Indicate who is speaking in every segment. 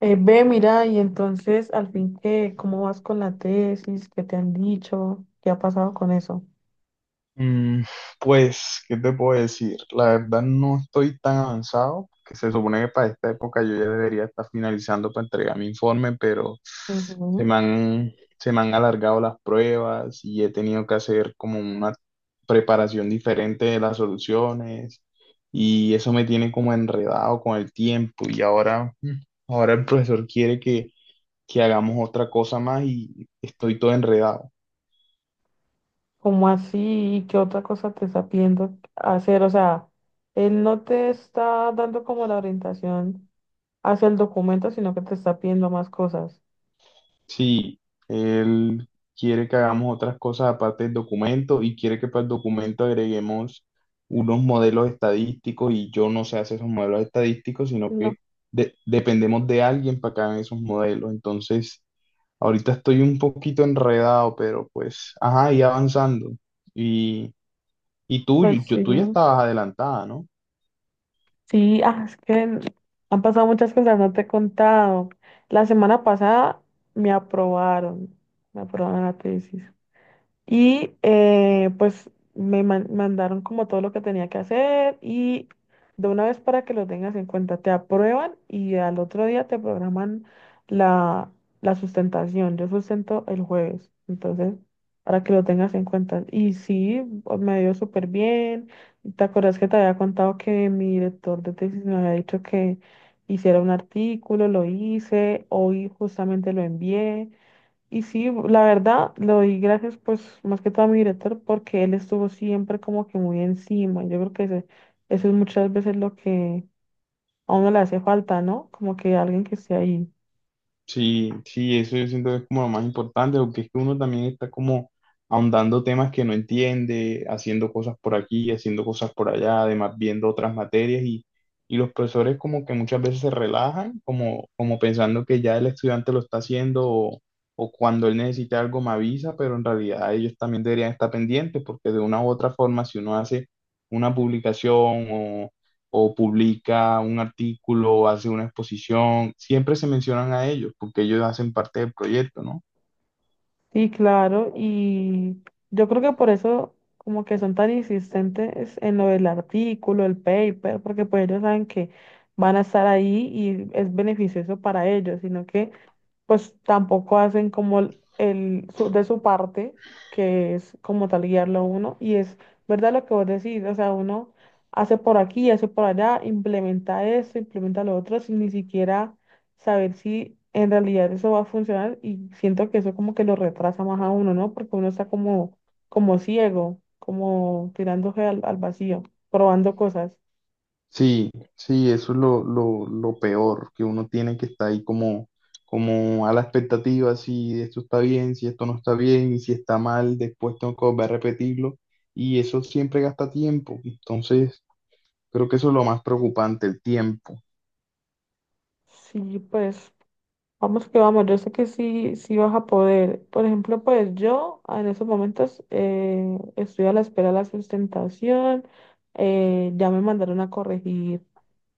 Speaker 1: Ve, mira, y entonces al fin qué, ¿cómo vas con la tesis? ¿Qué te han dicho? ¿Qué ha pasado con eso?
Speaker 2: Mm, pues, ¿qué te puedo decir? La verdad no estoy tan avanzado, que se supone que para esta época yo ya debería estar finalizando para entregar mi informe, pero se me
Speaker 1: Ujú.
Speaker 2: han, se me han alargado las pruebas y he tenido que hacer como una preparación diferente de las soluciones, y eso me tiene como enredado con el tiempo. Y ahora, ahora el profesor quiere que hagamos otra cosa más y estoy todo enredado.
Speaker 1: ¿Cómo así? ¿Qué otra cosa te está pidiendo hacer? O sea, él no te está dando como la orientación hacia el documento, sino que te está pidiendo más cosas.
Speaker 2: Sí, él quiere que hagamos otras cosas aparte del documento, y quiere que para el documento agreguemos unos modelos estadísticos, y yo no sé hacer esos modelos estadísticos, sino
Speaker 1: No,
Speaker 2: que dependemos de alguien para que hagan esos modelos. Entonces, ahorita estoy un poquito enredado, pero pues, ajá, y avanzando. Y, y tú,
Speaker 1: pues sí.
Speaker 2: tú ya estabas adelantada, ¿no?
Speaker 1: Sí, ah, es que han pasado muchas cosas, no te he contado. La semana pasada me aprobaron, me aprobaron la tesis. Y pues me mandaron como todo lo que tenía que hacer y de una vez para que lo tengas en cuenta, te aprueban y al otro día te programan la, la sustentación. Yo sustento el jueves, entonces para que lo tengas en cuenta. Y sí, me dio súper bien. ¿Te acuerdas que te había contado que mi director de tesis me había dicho que hiciera un artículo? Lo hice, hoy justamente lo envié. Y sí, la verdad, le doy gracias pues más que todo a mi director porque él estuvo siempre como que muy encima. Yo creo que eso es muchas veces lo que a uno le hace falta, ¿no? Como que alguien que esté ahí.
Speaker 2: Sí, sí, eso yo siento que es como lo más importante, porque es que uno también está como ahondando temas que no entiende, haciendo cosas por aquí, haciendo cosas por allá, además viendo otras materias y los profesores como que muchas veces se relajan, como pensando que ya el estudiante lo está haciendo, o cuando él necesite algo me avisa, pero en realidad ellos también deberían estar pendientes, porque de una u otra forma si uno hace una publicación o publica un artículo o hace una exposición, siempre se mencionan a ellos porque ellos hacen parte del proyecto, ¿no?
Speaker 1: Sí, claro, y yo creo que por eso como que son tan insistentes en lo del artículo, el paper, porque pues ellos saben que van a estar ahí y es beneficioso para ellos, sino que pues tampoco hacen como de su parte, que es como tal guiarlo a uno, y es verdad lo que vos decís, o sea, uno hace por aquí, hace por allá, implementa esto, implementa lo otro, sin ni siquiera saber si en realidad eso va a funcionar, y siento que eso como que lo retrasa más a uno, ¿no? Porque uno está como, como ciego, como tirándose al vacío, probando cosas.
Speaker 2: Sí, sí, eso es lo peor, que uno tiene que estar ahí como, como a la expectativa, si esto está bien, si esto no está bien, y si está mal, después tengo que volver a repetirlo, y eso siempre gasta tiempo. Entonces creo que eso es lo más preocupante, el tiempo.
Speaker 1: Sí, pues. Vamos que vamos, yo sé que sí, sí vas a poder. Por ejemplo, pues yo en esos momentos estoy a la espera de la sustentación, ya me mandaron a corregir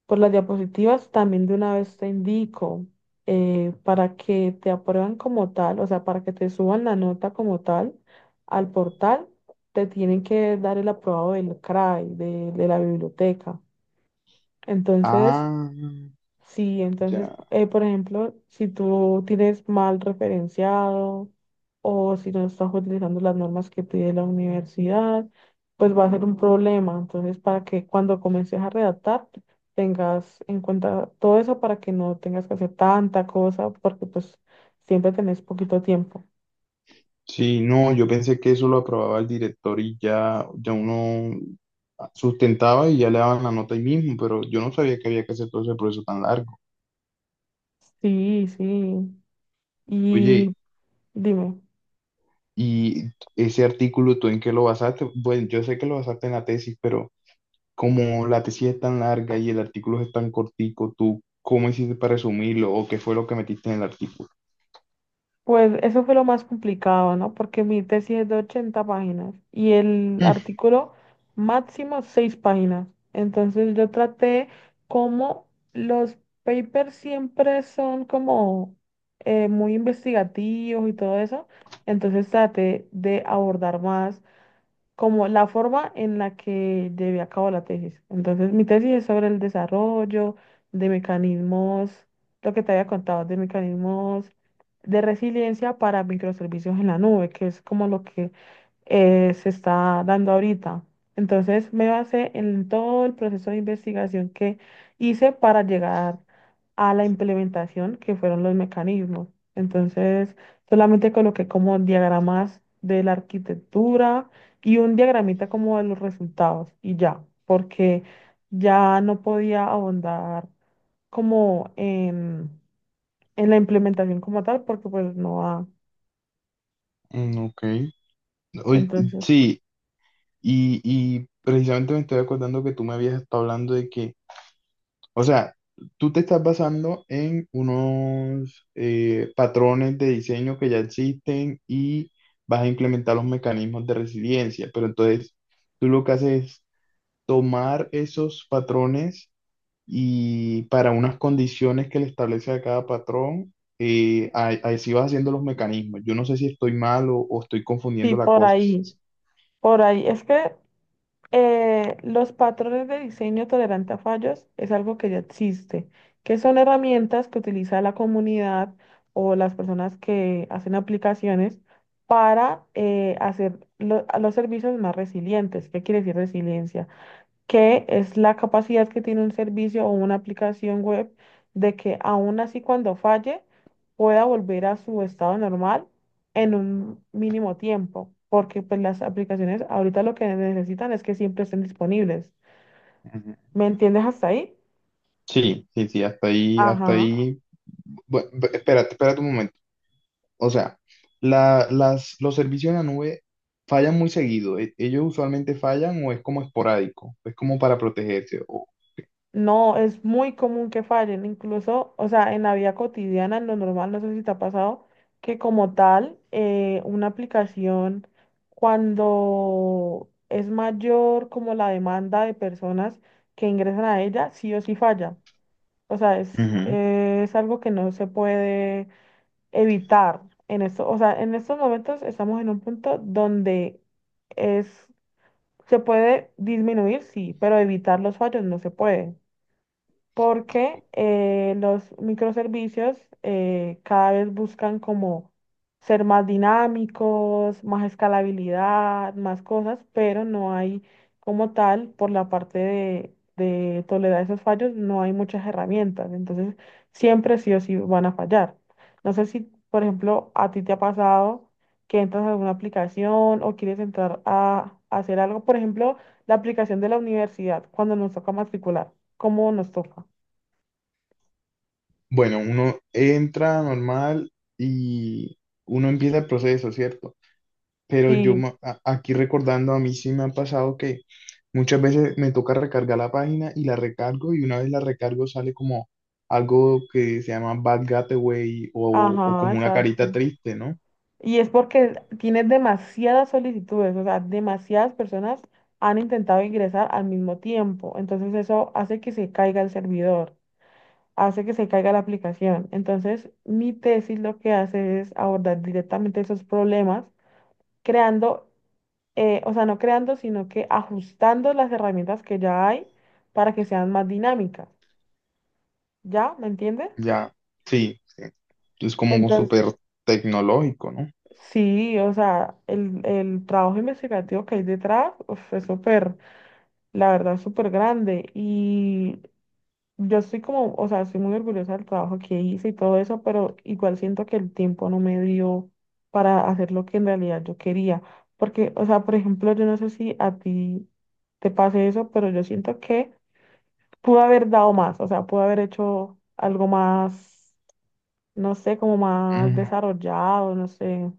Speaker 1: por las diapositivas, también de una vez te indico para que te aprueban como tal, o sea, para que te suban la nota como tal al portal, te tienen que dar el aprobado del CRAI, de la biblioteca. Entonces.
Speaker 2: Ah,
Speaker 1: Sí, entonces,
Speaker 2: ya.
Speaker 1: por ejemplo, si tú tienes mal referenciado o si no estás utilizando las normas que pide la universidad, pues va a ser un problema. Entonces, para que cuando comiences a redactar, tengas en cuenta todo eso para que no tengas que hacer tanta cosa, porque pues siempre tenés poquito tiempo.
Speaker 2: Sí, no, yo pensé que eso lo aprobaba el director y ya, ya uno sustentaba y ya le daban la nota ahí mismo, pero yo no sabía que había que hacer todo ese proceso tan largo.
Speaker 1: Sí, sí. Y
Speaker 2: Oye,
Speaker 1: dime.
Speaker 2: ¿y ese artículo tú en qué lo basaste? Bueno, yo sé que lo basaste en la tesis, pero como la tesis es tan larga y el artículo es tan cortico, ¿tú cómo hiciste para resumirlo o qué fue lo que metiste en el artículo?
Speaker 1: Pues eso fue lo más complicado, ¿no? Porque mi tesis es de 80 páginas y el
Speaker 2: Mm,
Speaker 1: artículo máximo 6 páginas. Entonces yo traté como los papers siempre son como muy investigativos y todo eso. Entonces traté de abordar más como la forma en la que llevé a cabo la tesis. Entonces, mi tesis es sobre el desarrollo de mecanismos, lo que te había contado, de mecanismos de resiliencia para microservicios en la nube, que es como lo que se está dando ahorita. Entonces, me basé en todo el proceso de investigación que hice para llegar a la implementación, que fueron los mecanismos. Entonces, solamente coloqué como diagramas de la arquitectura y un diagramita como de los resultados y ya, porque ya no podía ahondar como en, la implementación como tal, porque pues no va.
Speaker 2: ok. Oye,
Speaker 1: Entonces,
Speaker 2: sí, y precisamente me estoy acordando que tú me habías estado hablando de que… O sea, tú te estás basando en unos patrones de diseño que ya existen y vas a implementar los mecanismos de resiliencia, pero entonces tú lo que haces es tomar esos patrones y para unas condiciones que le establece a cada patrón, así vas haciendo los mecanismos. Yo no sé si estoy mal o estoy
Speaker 1: sí,
Speaker 2: confundiendo la
Speaker 1: por
Speaker 2: cosa. Sí,
Speaker 1: ahí,
Speaker 2: sí.
Speaker 1: por ahí. Es que los patrones de diseño tolerante a fallos es algo que ya existe, que son herramientas que utiliza la comunidad o las personas que hacen aplicaciones para hacer a los servicios más resilientes. ¿Qué quiere decir resiliencia? Que es la capacidad que tiene un servicio o una aplicación web de que aún así cuando falle pueda volver a su estado normal en un mínimo tiempo, porque pues las aplicaciones ahorita lo que necesitan es que siempre estén disponibles.
Speaker 2: Ujú.
Speaker 1: ¿Me entiendes hasta ahí?
Speaker 2: Sí, sí, sí, hasta ahí, hasta
Speaker 1: Ajá.
Speaker 2: ahí. Bueno, espérate, espérate un momento. O sea, los servicios en la nube fallan muy seguido. Ellos usualmente fallan o es como esporádico, es como para protegerse. O…
Speaker 1: No, es muy común que fallen, incluso, o sea, en la vida cotidiana, en lo normal, no sé si te ha pasado, que como tal, una aplicación, cuando es mayor como la demanda de personas que ingresan a ella, sí o sí falla. O sea,
Speaker 2: Ujú.
Speaker 1: es algo que no se puede evitar en esto. O sea, en estos momentos estamos en un punto donde es, se puede disminuir, sí, pero evitar los fallos no se puede porque los microservicios cada vez buscan como ser más dinámicos, más escalabilidad, más cosas, pero no hay como tal, por la parte de tolerar esos fallos, no hay muchas herramientas, entonces siempre sí o sí van a fallar. No sé si, por ejemplo, a ti te ha pasado que entras a alguna aplicación o quieres entrar a hacer algo, por ejemplo, la aplicación de la universidad cuando nos toca matricular, ¿cómo nos toca?
Speaker 2: Bueno, uno entra normal y uno empieza el proceso, ¿cierto? Pero yo
Speaker 1: Sí,
Speaker 2: aquí recordando, a mí sí me ha pasado que muchas veces me toca recargar la página, y la recargo, y una vez la recargo sale como algo que se llama Bad Gateway, o
Speaker 1: ajá,
Speaker 2: como una carita
Speaker 1: exacto.
Speaker 2: triste, ¿no?
Speaker 1: Y es porque tienes demasiadas solicitudes, o sea, demasiadas personas han intentado ingresar al mismo tiempo. Entonces eso hace que se caiga el servidor, hace que se caiga la aplicación. Entonces mi tesis lo que hace es abordar directamente esos problemas, creando, o sea, no creando, sino que ajustando las herramientas que ya hay para que sean más dinámicas. ¿Ya? ¿Me entiendes?
Speaker 2: Ya, sí, sí. Es como
Speaker 1: Entonces
Speaker 2: súper tecnológico,
Speaker 1: sí, o sea, el trabajo investigativo que hay detrás uf, es súper, la verdad, súper grande. Y yo estoy como, o sea, estoy muy orgullosa del trabajo que hice y todo eso, pero igual siento que el tiempo no me dio para hacer lo que en realidad yo quería. Porque, o sea, por ejemplo, yo no sé si a ti te pase eso, pero yo siento que pude haber dado más, o sea, pude haber hecho algo más, no sé, como más
Speaker 2: ¿no?
Speaker 1: desarrollado, no sé.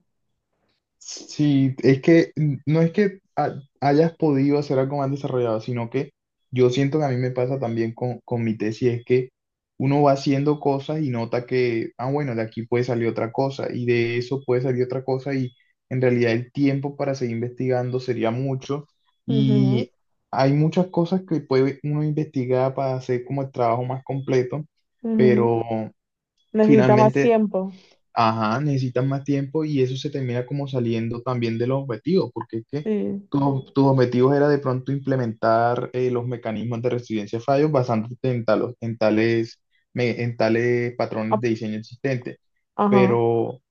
Speaker 2: Sí, es que no es que hayas podido hacer algo más desarrollado, sino que yo siento que a mí me pasa también con mi tesis. Es que uno va haciendo cosas y nota que, ah, bueno, de aquí puede salir otra cosa, y de eso puede salir otra cosa, y en realidad el tiempo para seguir investigando sería mucho,
Speaker 1: Ujú,
Speaker 2: y hay muchas cosas que puede uno investigar para hacer como el trabajo más completo,
Speaker 1: ujú.
Speaker 2: pero
Speaker 1: Necesita más
Speaker 2: finalmente…
Speaker 1: tiempo.
Speaker 2: Ajá, necesitas más tiempo, y eso se termina como saliendo también de los objetivos, porque es que
Speaker 1: Sí.
Speaker 2: tus objetivos era de pronto implementar los mecanismos de resiliencia a fallos basándote en, en tales patrones
Speaker 1: Ap-
Speaker 2: de diseño existentes.
Speaker 1: Ajá.
Speaker 2: Pero,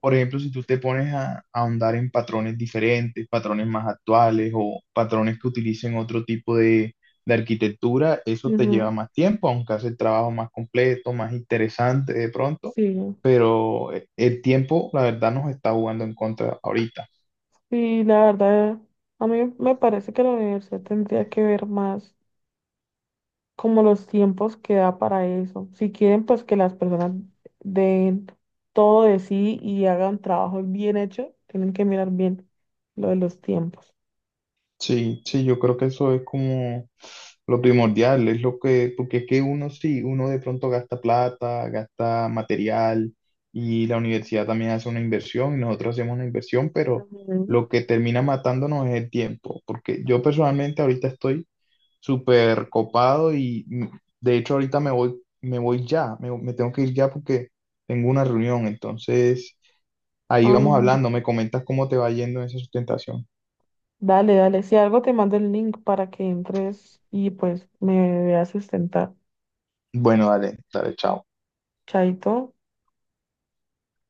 Speaker 2: por ejemplo, si tú te pones a ahondar en patrones diferentes, patrones más actuales o patrones que utilicen otro tipo de arquitectura, eso te
Speaker 1: Ujú,
Speaker 2: lleva más tiempo, aunque hace el trabajo más completo, más interesante de pronto,
Speaker 1: sí.
Speaker 2: pero el tiempo, la verdad, nos está jugando en contra ahorita.
Speaker 1: Sí, la verdad, a mí me parece que la universidad tendría que ver más como los tiempos que da para eso. Si quieren, pues que las personas den todo de sí y hagan trabajo bien hecho, tienen que mirar bien lo de los tiempos.
Speaker 2: Sí, sí, yo creo que eso es como lo primordial, es lo que… porque es que uno sí, uno de pronto gasta plata, gasta material, y la universidad también hace una inversión y nosotros hacemos una inversión, pero
Speaker 1: Ujú.
Speaker 2: lo que termina matándonos es el tiempo, porque yo personalmente ahorita estoy súper copado, y de hecho ahorita me voy ya, me tengo que ir ya porque tengo una reunión, entonces... Ahí
Speaker 1: Ah,
Speaker 2: vamos hablando, me comentas cómo te va yendo en esa sustentación.
Speaker 1: dale, dale. Si algo te mando el link para que entres y pues me veas sustentar.
Speaker 2: Bueno, dale, dale, chao.
Speaker 1: Chaito.